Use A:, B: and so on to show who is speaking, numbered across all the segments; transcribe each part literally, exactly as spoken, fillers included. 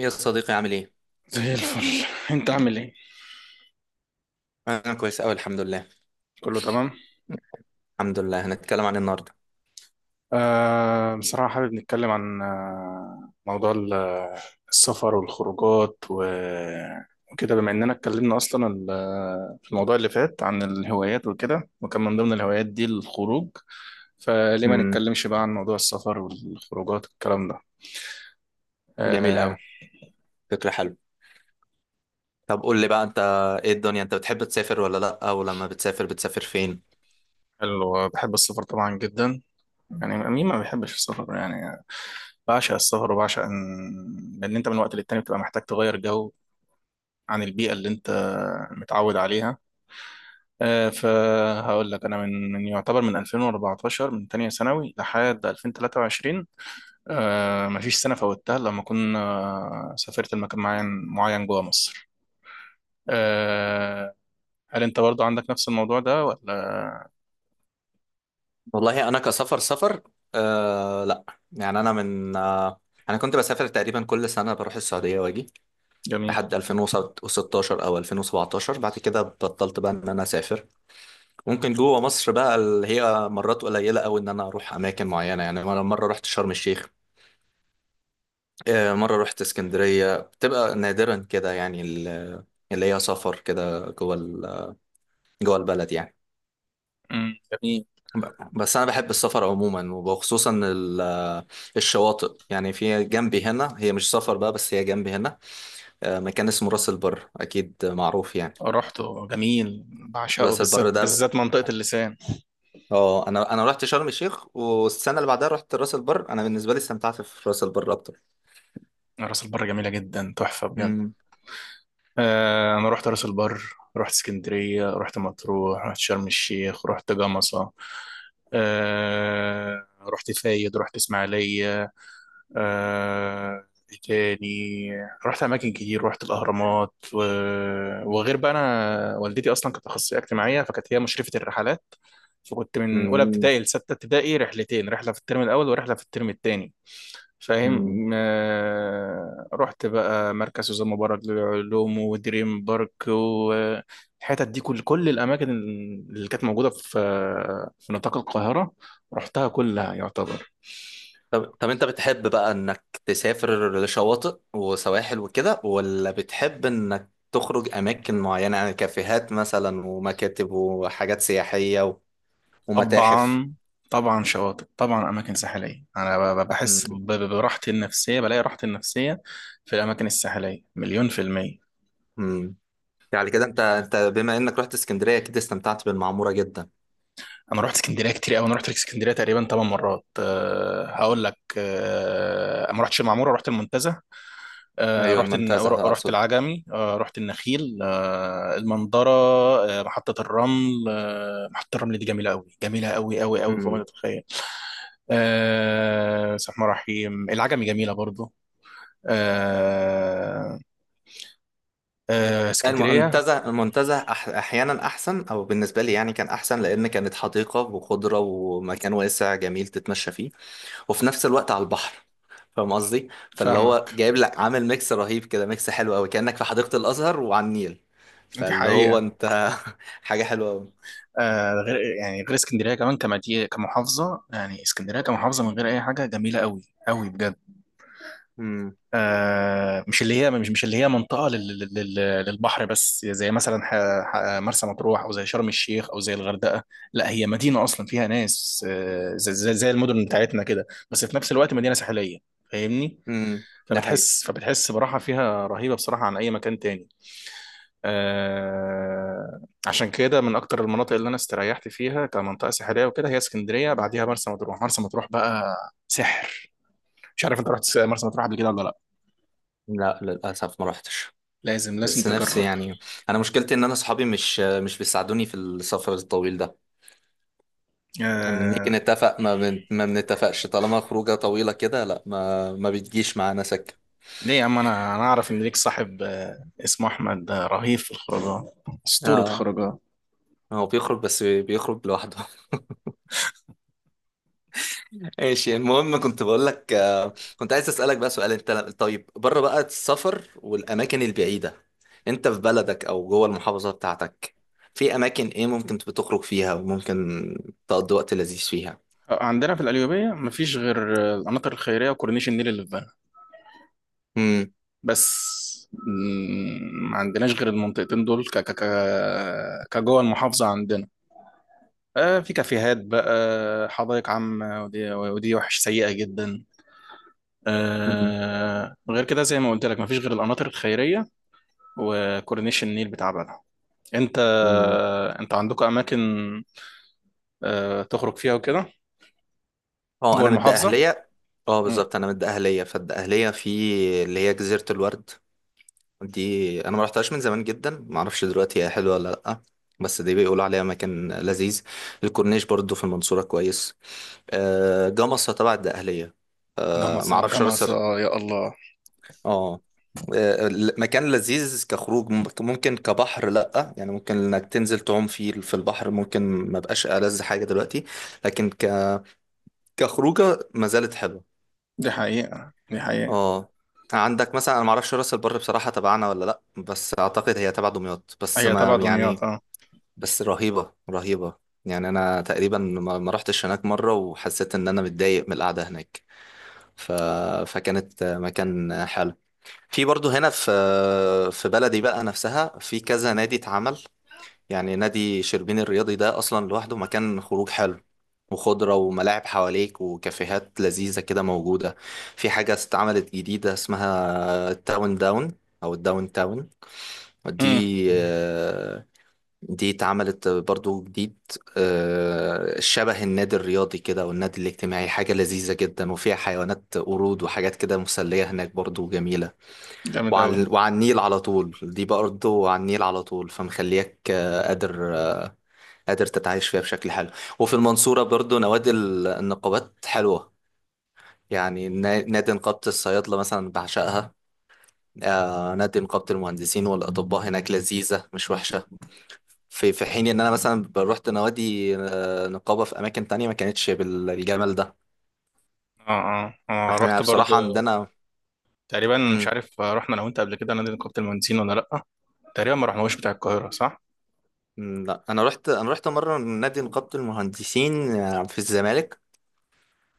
A: يا صديقي، عامل ايه؟
B: زي الفل. انت عامل ايه؟
A: انا كويس اوي، الحمد لله.
B: كله تمام.
A: الحمد لله. هنتكلم عن إيه النهارده؟
B: آه بصراحة حابب نتكلم عن آه، موضوع ال- آه، السفر والخروجات و- وكده، بما اننا اتكلمنا اصلا ال- آه، في الموضوع اللي فات عن الهوايات وكده، وكان من ضمن الهوايات دي الخروج، فليه ما
A: امم.
B: نتكلمش بقى عن موضوع السفر والخروجات والكلام ده.
A: جميل
B: آه
A: اوي. فكرة حلوة. طب قول لي بقى انت، ايه الدنيا؟ انت بتحب تسافر ولا لا؟ ولما بتسافر، بتسافر فين؟
B: حلو، بحب السفر طبعا جدا، يعني مين ما بيحبش السفر يعني. بعشق السفر وبعشق ان لان انت من وقت للتاني بتبقى محتاج تغير جو عن البيئة اللي أنت متعود عليها. آه، فهقول لك أنا من من يعتبر من ألفين وأربعتاشر من تانية ثانوي لحد ألفين وتلاتة وعشرين. آه، مفيش سنة فوتها لما كنا سافرت لمكان معين معين جوه مصر. آه، هل أنت برضه عندك نفس الموضوع ده ولا؟
A: والله انا كسفر سفر، آه لا. يعني انا من آه انا كنت بسافر تقريبا كل سنة، بروح السعودية واجي
B: جميل؟
A: لحد ألفين وستاشر او ألفين وسبعتاشر. بعد كده بطلت بقى ان انا اسافر. ممكن جوه مصر بقى، اللي هي مرات قليلة اوي ان انا اروح اماكن معينة. يعني مرة مرة رحت شرم الشيخ، آه، مرة رحت اسكندرية. بتبقى نادرا كده يعني، ال- اللي هي سفر كده جوه ال- جوه البلد يعني.
B: مم، جميل.
A: ب- بس أنا بحب السفر عموما، وخصوصا ال- الشواطئ. يعني في جنبي هنا، هي مش سفر بقى بس هي جنبي هنا. آه، مكان اسمه راس البر، أكيد معروف يعني.
B: رحته، جميل، بعشقه
A: راس البر
B: بالذات
A: ده ب-
B: بالذات منطقة اللسان.
A: اه، انا انا رحت شرم الشيخ والسنه اللي بعدها رحت راس البر. انا بالنسبه لي استمتعت في راس البر اكتر.
B: راس البر جميلة جدا، تحفة بجد.
A: مم.
B: آه، انا رحت راس البر، رحت اسكندريه، رحت مطروح، رحت شرم الشيخ، رحت جمصه، آه، رحت فايد، رحت اسماعيليه. آه، إيه تاني؟ رحت اماكن كتير، رحت الاهرامات و... وغير بقى، انا والدتي اصلا كانت اخصائيه اجتماعيه فكانت هي مشرفه الرحلات، فكنت من اولى ابتدائي لسته ابتدائي رحلتين، رحله في الترم الاول ورحله في الترم الثاني،
A: مم.
B: فاهم. آه، رحت بقى مركز وزير مبارك للعلوم ودريم بارك والحتت دي، كل كل الاماكن اللي كانت موجوده في في نطاق القاهره، رحتها كلها يعتبر.
A: طب طب انت بتحب بقى انك تسافر لشواطئ وسواحل وكده، ولا بتحب انك تخرج اماكن معينة؟ يعني كافيهات مثلا، ومكاتب، وحاجات سياحية و- ومتاحف.
B: طبعا، طبعا شواطئ، طبعا اماكن ساحليه، انا ب- ب-
A: مم.
B: بحس ب- ب- براحتي النفسيه، بلاقي راحتي النفسيه في الاماكن الساحليه مليون في الميه.
A: مم. يعني كده انت انت بما انك رحت اسكندرية كده، استمتعت بالمعمورة جدا.
B: انا رحت اسكندريه كتير قوي، انا رحت اسكندريه تقريبا تمانية مرات. أه هقول لك، أه ما رحتش المعموره، رحت المنتزه. آه،
A: ايوه،
B: رحت الن-
A: المنتزه
B: رحت
A: اقصد.
B: العجمي، آه، رحت النخيل، آه، المنظرة، آه، محطة الرمل. آه، محطة الرمل دي جميلة قوي، جميلة قوي قوي قوي فوق ما
A: مم.
B: تتخيل. آه، بسم الله الرحمن الرحيم، العجمي جميلة برضو. آه، آه،
A: لا،
B: اسكندرية.
A: المنتزه، المنتزه أح احيانا احسن، او بالنسبة لي يعني كان احسن، لان كانت حديقة وخضرة ومكان واسع جميل تتمشى فيه، وفي نفس الوقت على البحر. فاهم قصدي؟ فاللي هو
B: فاهمك.
A: جايب لك، عامل ميكس رهيب كده، ميكس حلو قوي، كأنك في حديقة الأزهر وعلى النيل.
B: دي
A: فاللي هو
B: حقيقة.
A: انت حاجة حلوة قوي.
B: آه، غير يعني غير اسكندرية كمان كمدينة كمحافظة، يعني اسكندرية كمحافظة من غير أي حاجة جميلة قوي قوي بجد.
A: امم.
B: آه، مش اللي هي مش مش اللي هي منطقه لل- لل- لل- للبحر بس، زي مثلا ح- ح- مرسى مطروح او زي شرم الشيخ او زي الغردقه، لا هي مدينه اصلا فيها ناس، آه، زي زي زي المدن بتاعتنا كده، بس في نفس الوقت مدينه ساحليه، فاهمني.
A: امم، ده حقيقي.
B: فبتحس فبتحس براحه فيها رهيبه بصراحه عن اي مكان تاني. آه، عشان كده من اكتر المناطق اللي انا استريحت فيها كمنطقه ساحليه وكده هي اسكندريه، بعديها مرسى مطروح. مرسى مطروح بقى سحر. مش عارف انت رحت مرسى مطروح قبل كده ولا لا؟
A: لا، للأسف ما رحتش.
B: لازم لازم
A: بس
B: تجرب.
A: نفسي يعني. انا مشكلتي ان انا صحابي مش مش بيساعدوني في السفر الطويل ده. يعني نيجي
B: آه
A: نتفق ما بن... ما بنتفقش. طالما خروجه طويله كده، لا ما ما بتجيش معانا سكه.
B: ليه يا عم؟ انا انا اعرف ان ليك صاحب آه اسمه احمد، آه، رهيب في الخروجات، اسطوره
A: اه،
B: خروجات.
A: هو بيخرج، بس بيخرج لوحده. ماشي، المهم، كنت بقول لك آه، كنت عايز اسالك بقى سؤال انت. طيب، بره بقى السفر والاماكن البعيده، انت في بلدك او جوه المحافظه بتاعتك، في اماكن ايه ممكن بتخرج فيها وممكن تقضي وقت لذيذ فيها؟
B: آه، عندنا في القليوبيه مفيش غير آه، القناطر الخيريه وكورنيش النيل اللي في بنها
A: امم.
B: بس. مم، ما عندناش غير المنطقتين دول ك ك ك كجوه المحافظه عندنا. آه في كافيهات بقى، حدائق عامه ودي ودي وحش، سيئه جدا. آه غير كده زي ما قلت لك، مفيش غير القناطر الخيريه وكورنيش النيل بتاع بنها. انت انت عندكم اماكن آه، تخرج فيها وكده
A: اه،
B: جوه
A: انا من
B: المحافظه؟
A: الدقهليه. اه
B: امم
A: بالظبط، انا من الدقهليه، فالدقهليه في اللي هي جزيره الورد. دي انا ما رحتهاش من زمان جدا، ما اعرفش دلوقتي هي حلوه ولا لا. بس دي بيقولوا عليها مكان لذيذ. الكورنيش برضو في المنصوره كويس. آه، جمصة تبع الدقهلية. آه،
B: جمصه
A: معرفش راس سر-
B: جمصه، يا الله.
A: اه. آه، ال- مكان لذيذ كخروج، ممكن، ممكن كبحر لأ. يعني ممكن انك تنزل تعوم فيه في البحر، ممكن ما بقاش ألذ حاجة دلوقتي، لكن ك... كخروجة ما زالت حلوة.
B: دي حقيقه، دي حقيقه.
A: اه. عندك مثلا، انا معرفش راس البر بصراحة تبعنا ولا لأ، بس اعتقد هي تبع دمياط، بس
B: هي
A: ما
B: تبع دمياط،
A: يعني.
B: اه.
A: بس رهيبة، رهيبة. يعني انا تقريبا ما ما رحتش هناك مرة وحسيت ان انا متضايق من القعدة هناك. ف... فكانت مكان حلو. في برضه هنا، في في بلدي بقى نفسها، في كذا نادي اتعمل. يعني نادي شربين الرياضي ده اصلا لوحده مكان خروج حلو، وخضرة وملاعب حواليك وكافيهات لذيذة كده موجودة. في حاجة اتعملت جديدة اسمها التاون داون، او الداون تاون.
B: امم.
A: دي آه، دي اتعملت برضو جديد. آه، شبه النادي الرياضي كده والنادي الاجتماعي، حاجة لذيذة جدا، وفيها حيوانات قرود وحاجات كده مسلية هناك، برضو جميلة.
B: جامد قوي.
A: وعلى وعلى النيل على طول. دي برضه وعلى النيل على طول، فمخليك آه، قادر، آه، قادر تتعايش فيها بشكل حلو. وفي المنصورة برضه نوادي ال- النقابات حلوة. يعني نا- نادي نقابة الصيادلة مثلا بعشقها. آه، نادي نقابة المهندسين والأطباء هناك لذيذة، مش وحشة. في، في حين إن أنا مثلا روحت نوادي آه، نقابة في أماكن تانية، ما كانتش بالجمال ده.
B: اه، اه، اه،
A: احنا
B: رحت برضو،
A: بصراحة عندنا.
B: تقريبا مش
A: مم.
B: عارف، آه، رحنا انا وانت قبل كده نادي نقابه المهندسين ولا لا؟ تقريبا ما رحناهوش بتاع القاهره، صح؟
A: مم. لا، أنا رحت أنا رحت مرة نادي نقابة المهندسين آه، في الزمالك.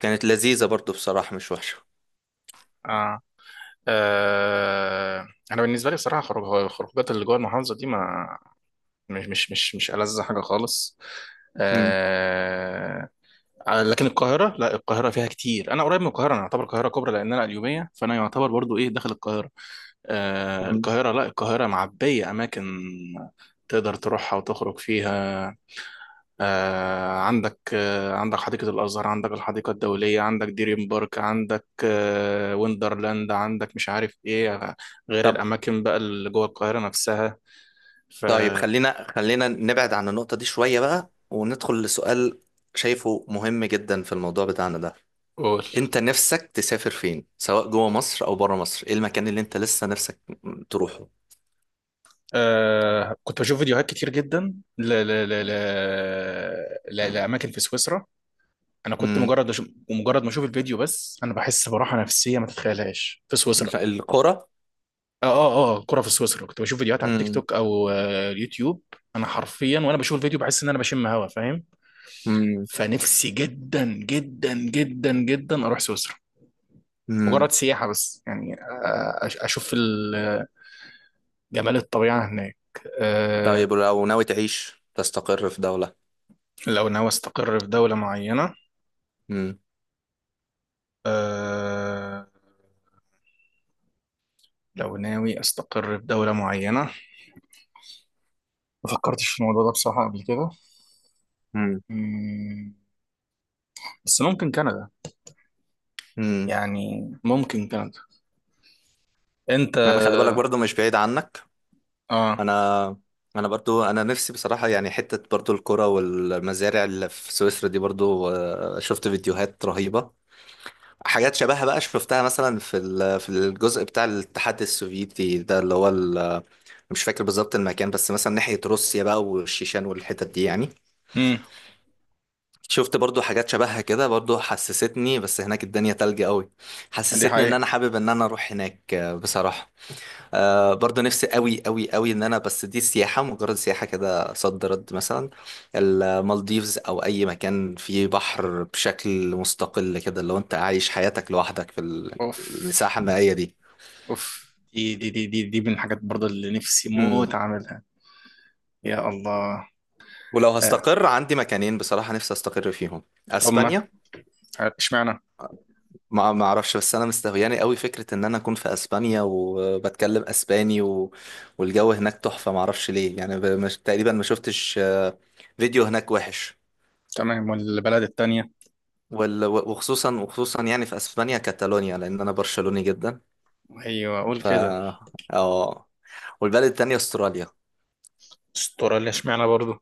A: كانت لذيذة برضو بصراحة، مش وحشة.
B: اه. آه، انا بالنسبه لي بصراحه، خروج الخروجات اللي جوه المحافظه دي ما مش مش مش مش ألذ حاجه خالص.
A: مم.
B: آه، على- لكن القاهرة، لا القاهرة فيها كتير. أنا قريب من القاهرة، أنا أعتبر القاهرة كبرى لأن أنا اليومية فأنا يعتبر برضو إيه داخل القاهرة. آه
A: مم.
B: القاهرة، لا القاهرة معبية أماكن تقدر تروحها وتخرج فيها. آه عندك آه عندك حديقة الأزهر، عندك الحديقة الدولية، عندك دريم بارك، عندك آه ويندرلاند، عندك مش عارف إيه، غير
A: طب
B: الأماكن بقى اللي جوه القاهرة نفسها. ف
A: طيب خلينا خلينا نبعد عن النقطة دي شوية بقى، وندخل لسؤال شايفه مهم جدا في الموضوع بتاعنا ده.
B: قول.
A: انت نفسك تسافر فين، سواء جوه مصر او بره مصر؟ ايه المكان اللي انت لسه نفسك تروحه؟
B: آه كنت بشوف فيديوهات كتير جدا ل ل ل ل ل لأماكن في سويسرا. أنا كنت
A: مم.
B: مجرد أشوف، ومجرد ما أشوف الفيديو، بس أنا بحس براحة نفسية ما تتخيلهاش في سويسرا.
A: القرى.
B: آه آه آه كرة في سويسرا، كنت بشوف فيديوهات على التيك
A: مم.
B: توك أو آه اليوتيوب. أنا حرفيا وأنا بشوف الفيديو بحس إن أنا بشم هوا، فاهم.
A: مم.
B: فنفسي جدا جدا جدا جدا أروح سويسرا،
A: امم.
B: مجرد سياحة بس يعني، آه أش- أشوف ال- جمال الطبيعة هناك. آه
A: طيب لو ناوي تعيش، تستقر في دولة.
B: لو ناوي أستقر في دولة معينة،
A: امم.
B: أه، لو ناوي استقر في دولة معينة، ما فكرتش في الموضوع ده بصراحة قبل كده.
A: مم.
B: مم، بس ممكن كندا،
A: امم.
B: يعني ممكن كندا. انت؟
A: انا، خلي بالك برضو مش بعيد عنك.
B: اه.
A: انا انا برضو، انا نفسي بصراحه يعني، حته برضو الكرة والمزارع اللي في سويسرا دي برضو، آه، شفت فيديوهات رهيبه. حاجات شبهها بقى شفتها مثلا في ال- في الجزء بتاع الاتحاد السوفيتي ده، اللي هو ال- مش فاكر بالظبط المكان، بس مثلا ناحيه روسيا بقى والشيشان والحتت دي يعني.
B: امم.
A: شفت برضو حاجات شبهها كده، برضو حسستني، بس هناك الدنيا تلج قوي.
B: دي
A: حسستني ان
B: حقيقة.
A: انا حابب ان انا اروح هناك آه، بصراحه. آه، برضه نفسي قوي قوي قوي ان انا، بس دي سياحة، مجرد سياحة كده. صد رد مثلا المالديفز، او اي مكان فيه بحر بشكل مستقل كده، لو انت عايش حياتك لوحدك في ال-
B: اوف،
A: الساحة المائية دي.
B: اوف، دي دي دي دي, دي من الحاجات برضه اللي نفسي
A: مم.
B: موت اعملها، يا الله.
A: ولو
B: آه.
A: هستقر، عندي مكانين بصراحة نفسي استقر فيهم.
B: هما.
A: اسبانيا.
B: اشمعنى؟
A: ما ما اعرفش، بس انا مستهوياني قوي فكرة ان انا اكون في اسبانيا وبتكلم اسباني، و... والجو هناك تحفة. ما اعرفش ليه يعني، ب- مش... تقريبا ما شفتش آه، فيديو هناك وحش.
B: تمام. والبلد التانية؟
A: وال- وخصوصا، وخصوصا يعني في اسبانيا كاتالونيا، لان انا برشلوني جدا.
B: ايوه، اقول
A: ف،
B: كده.
A: اه، والبلد التانية استراليا.
B: استراليا، اشمعنى برضه؟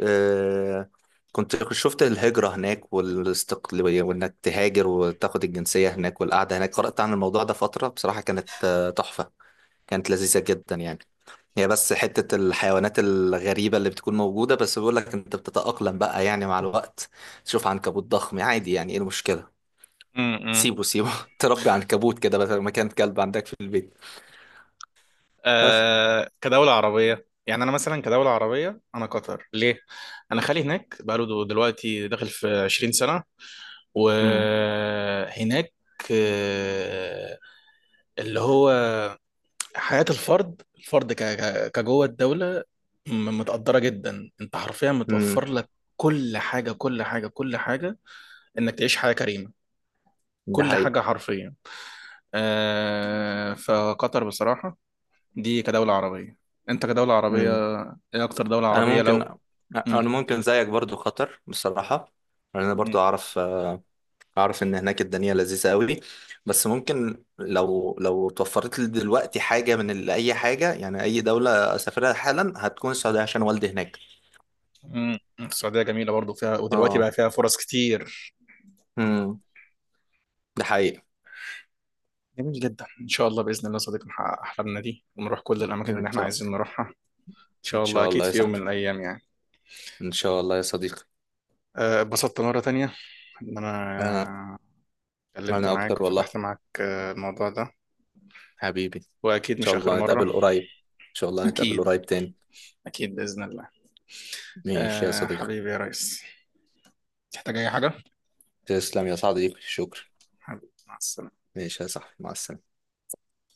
A: آه، كنت شفت الهجرة هناك والاستقلالية، وانك تهاجر وتاخد الجنسية هناك، والقعدة هناك. قرأت عن الموضوع ده فترة بصراحة، كانت آه، تحفة، كانت لذيذة جدا يعني. هي بس حتة الحيوانات الغريبة اللي بتكون موجودة، بس بيقول لك انت بتتأقلم بقى يعني مع الوقت. تشوف عنكبوت ضخم عادي، يعني ايه المشكلة؟
B: امم.
A: سيبه سيبه تربي عنكبوت كده بدل ما كان كلب عندك في البيت. بس.
B: آه كدولة عربية، يعني أنا مثلا كدولة عربية أنا قطر ليه؟ أنا خالي هناك بقاله دو- دلوقتي داخل في عشرين سنة
A: امم.
B: وهناك، آه، اللي هو حياة الفرد، الفرد ك- ك- كجوه الدولة، م- متقدرة جدا، أنت حرفيا
A: امم،
B: متوفر لك كل حاجة، كل حاجة، كل حاجة، إنك تعيش حياة كريمة،
A: ده
B: كل
A: حقيقي.
B: حاجة حرفيا. آه، فقطر بصراحة دي كدولة عربية. انت كدولة عربية،
A: امم.
B: ايه اكتر دولة
A: انا
B: عربية
A: ممكن
B: لو...؟
A: انا
B: مم.
A: ممكن زيك برضو، خطر بصراحة. انا برضو
B: مم.
A: اعرف آه، اعرف ان هناك الدنيا لذيذة قوي. بس ممكن لو لو توفرت لي دلوقتي حاجة من ال- اي حاجة يعني، اي دولة اسافرها حالا هتكون السعودية عشان والدي هناك.
B: مم. السعودية جميلة برضو فيها، ودلوقتي
A: اه.
B: بقى فيها فرص كتير.
A: امم. ده حقيقي.
B: جميل جدا، ان شاء الله بإذن الله صديقي نحقق احلامنا دي ونروح كل الاماكن اللي
A: ان
B: احنا
A: شاء،
B: عايزين نروحها. ان
A: ان
B: شاء الله،
A: شاء
B: اكيد
A: الله يا
B: في يوم
A: صاحبي،
B: من الايام يعني.
A: ان شاء الله يا صديقي.
B: أه، اتبسطت مرة تانية ان
A: انا
B: انا اتكلمت
A: انا
B: معاك
A: اكتر والله.
B: وفتحت معاك أه، الموضوع ده،
A: حبيبي، ان
B: واكيد مش
A: شاء
B: اخر
A: الله
B: مرة.
A: نتقابل قريب، ان شاء الله نتقابل
B: اكيد،
A: قريب تاني.
B: اكيد بإذن الله.
A: ماشي يا
B: أه،
A: صديقي.
B: حبيبي يا ريس، تحتاج اي حاجة.
A: تسلم يا صديقي، شكرا.
B: حبيبي مع السلامة.
A: ماشي يا صاحبي، مع السلامة.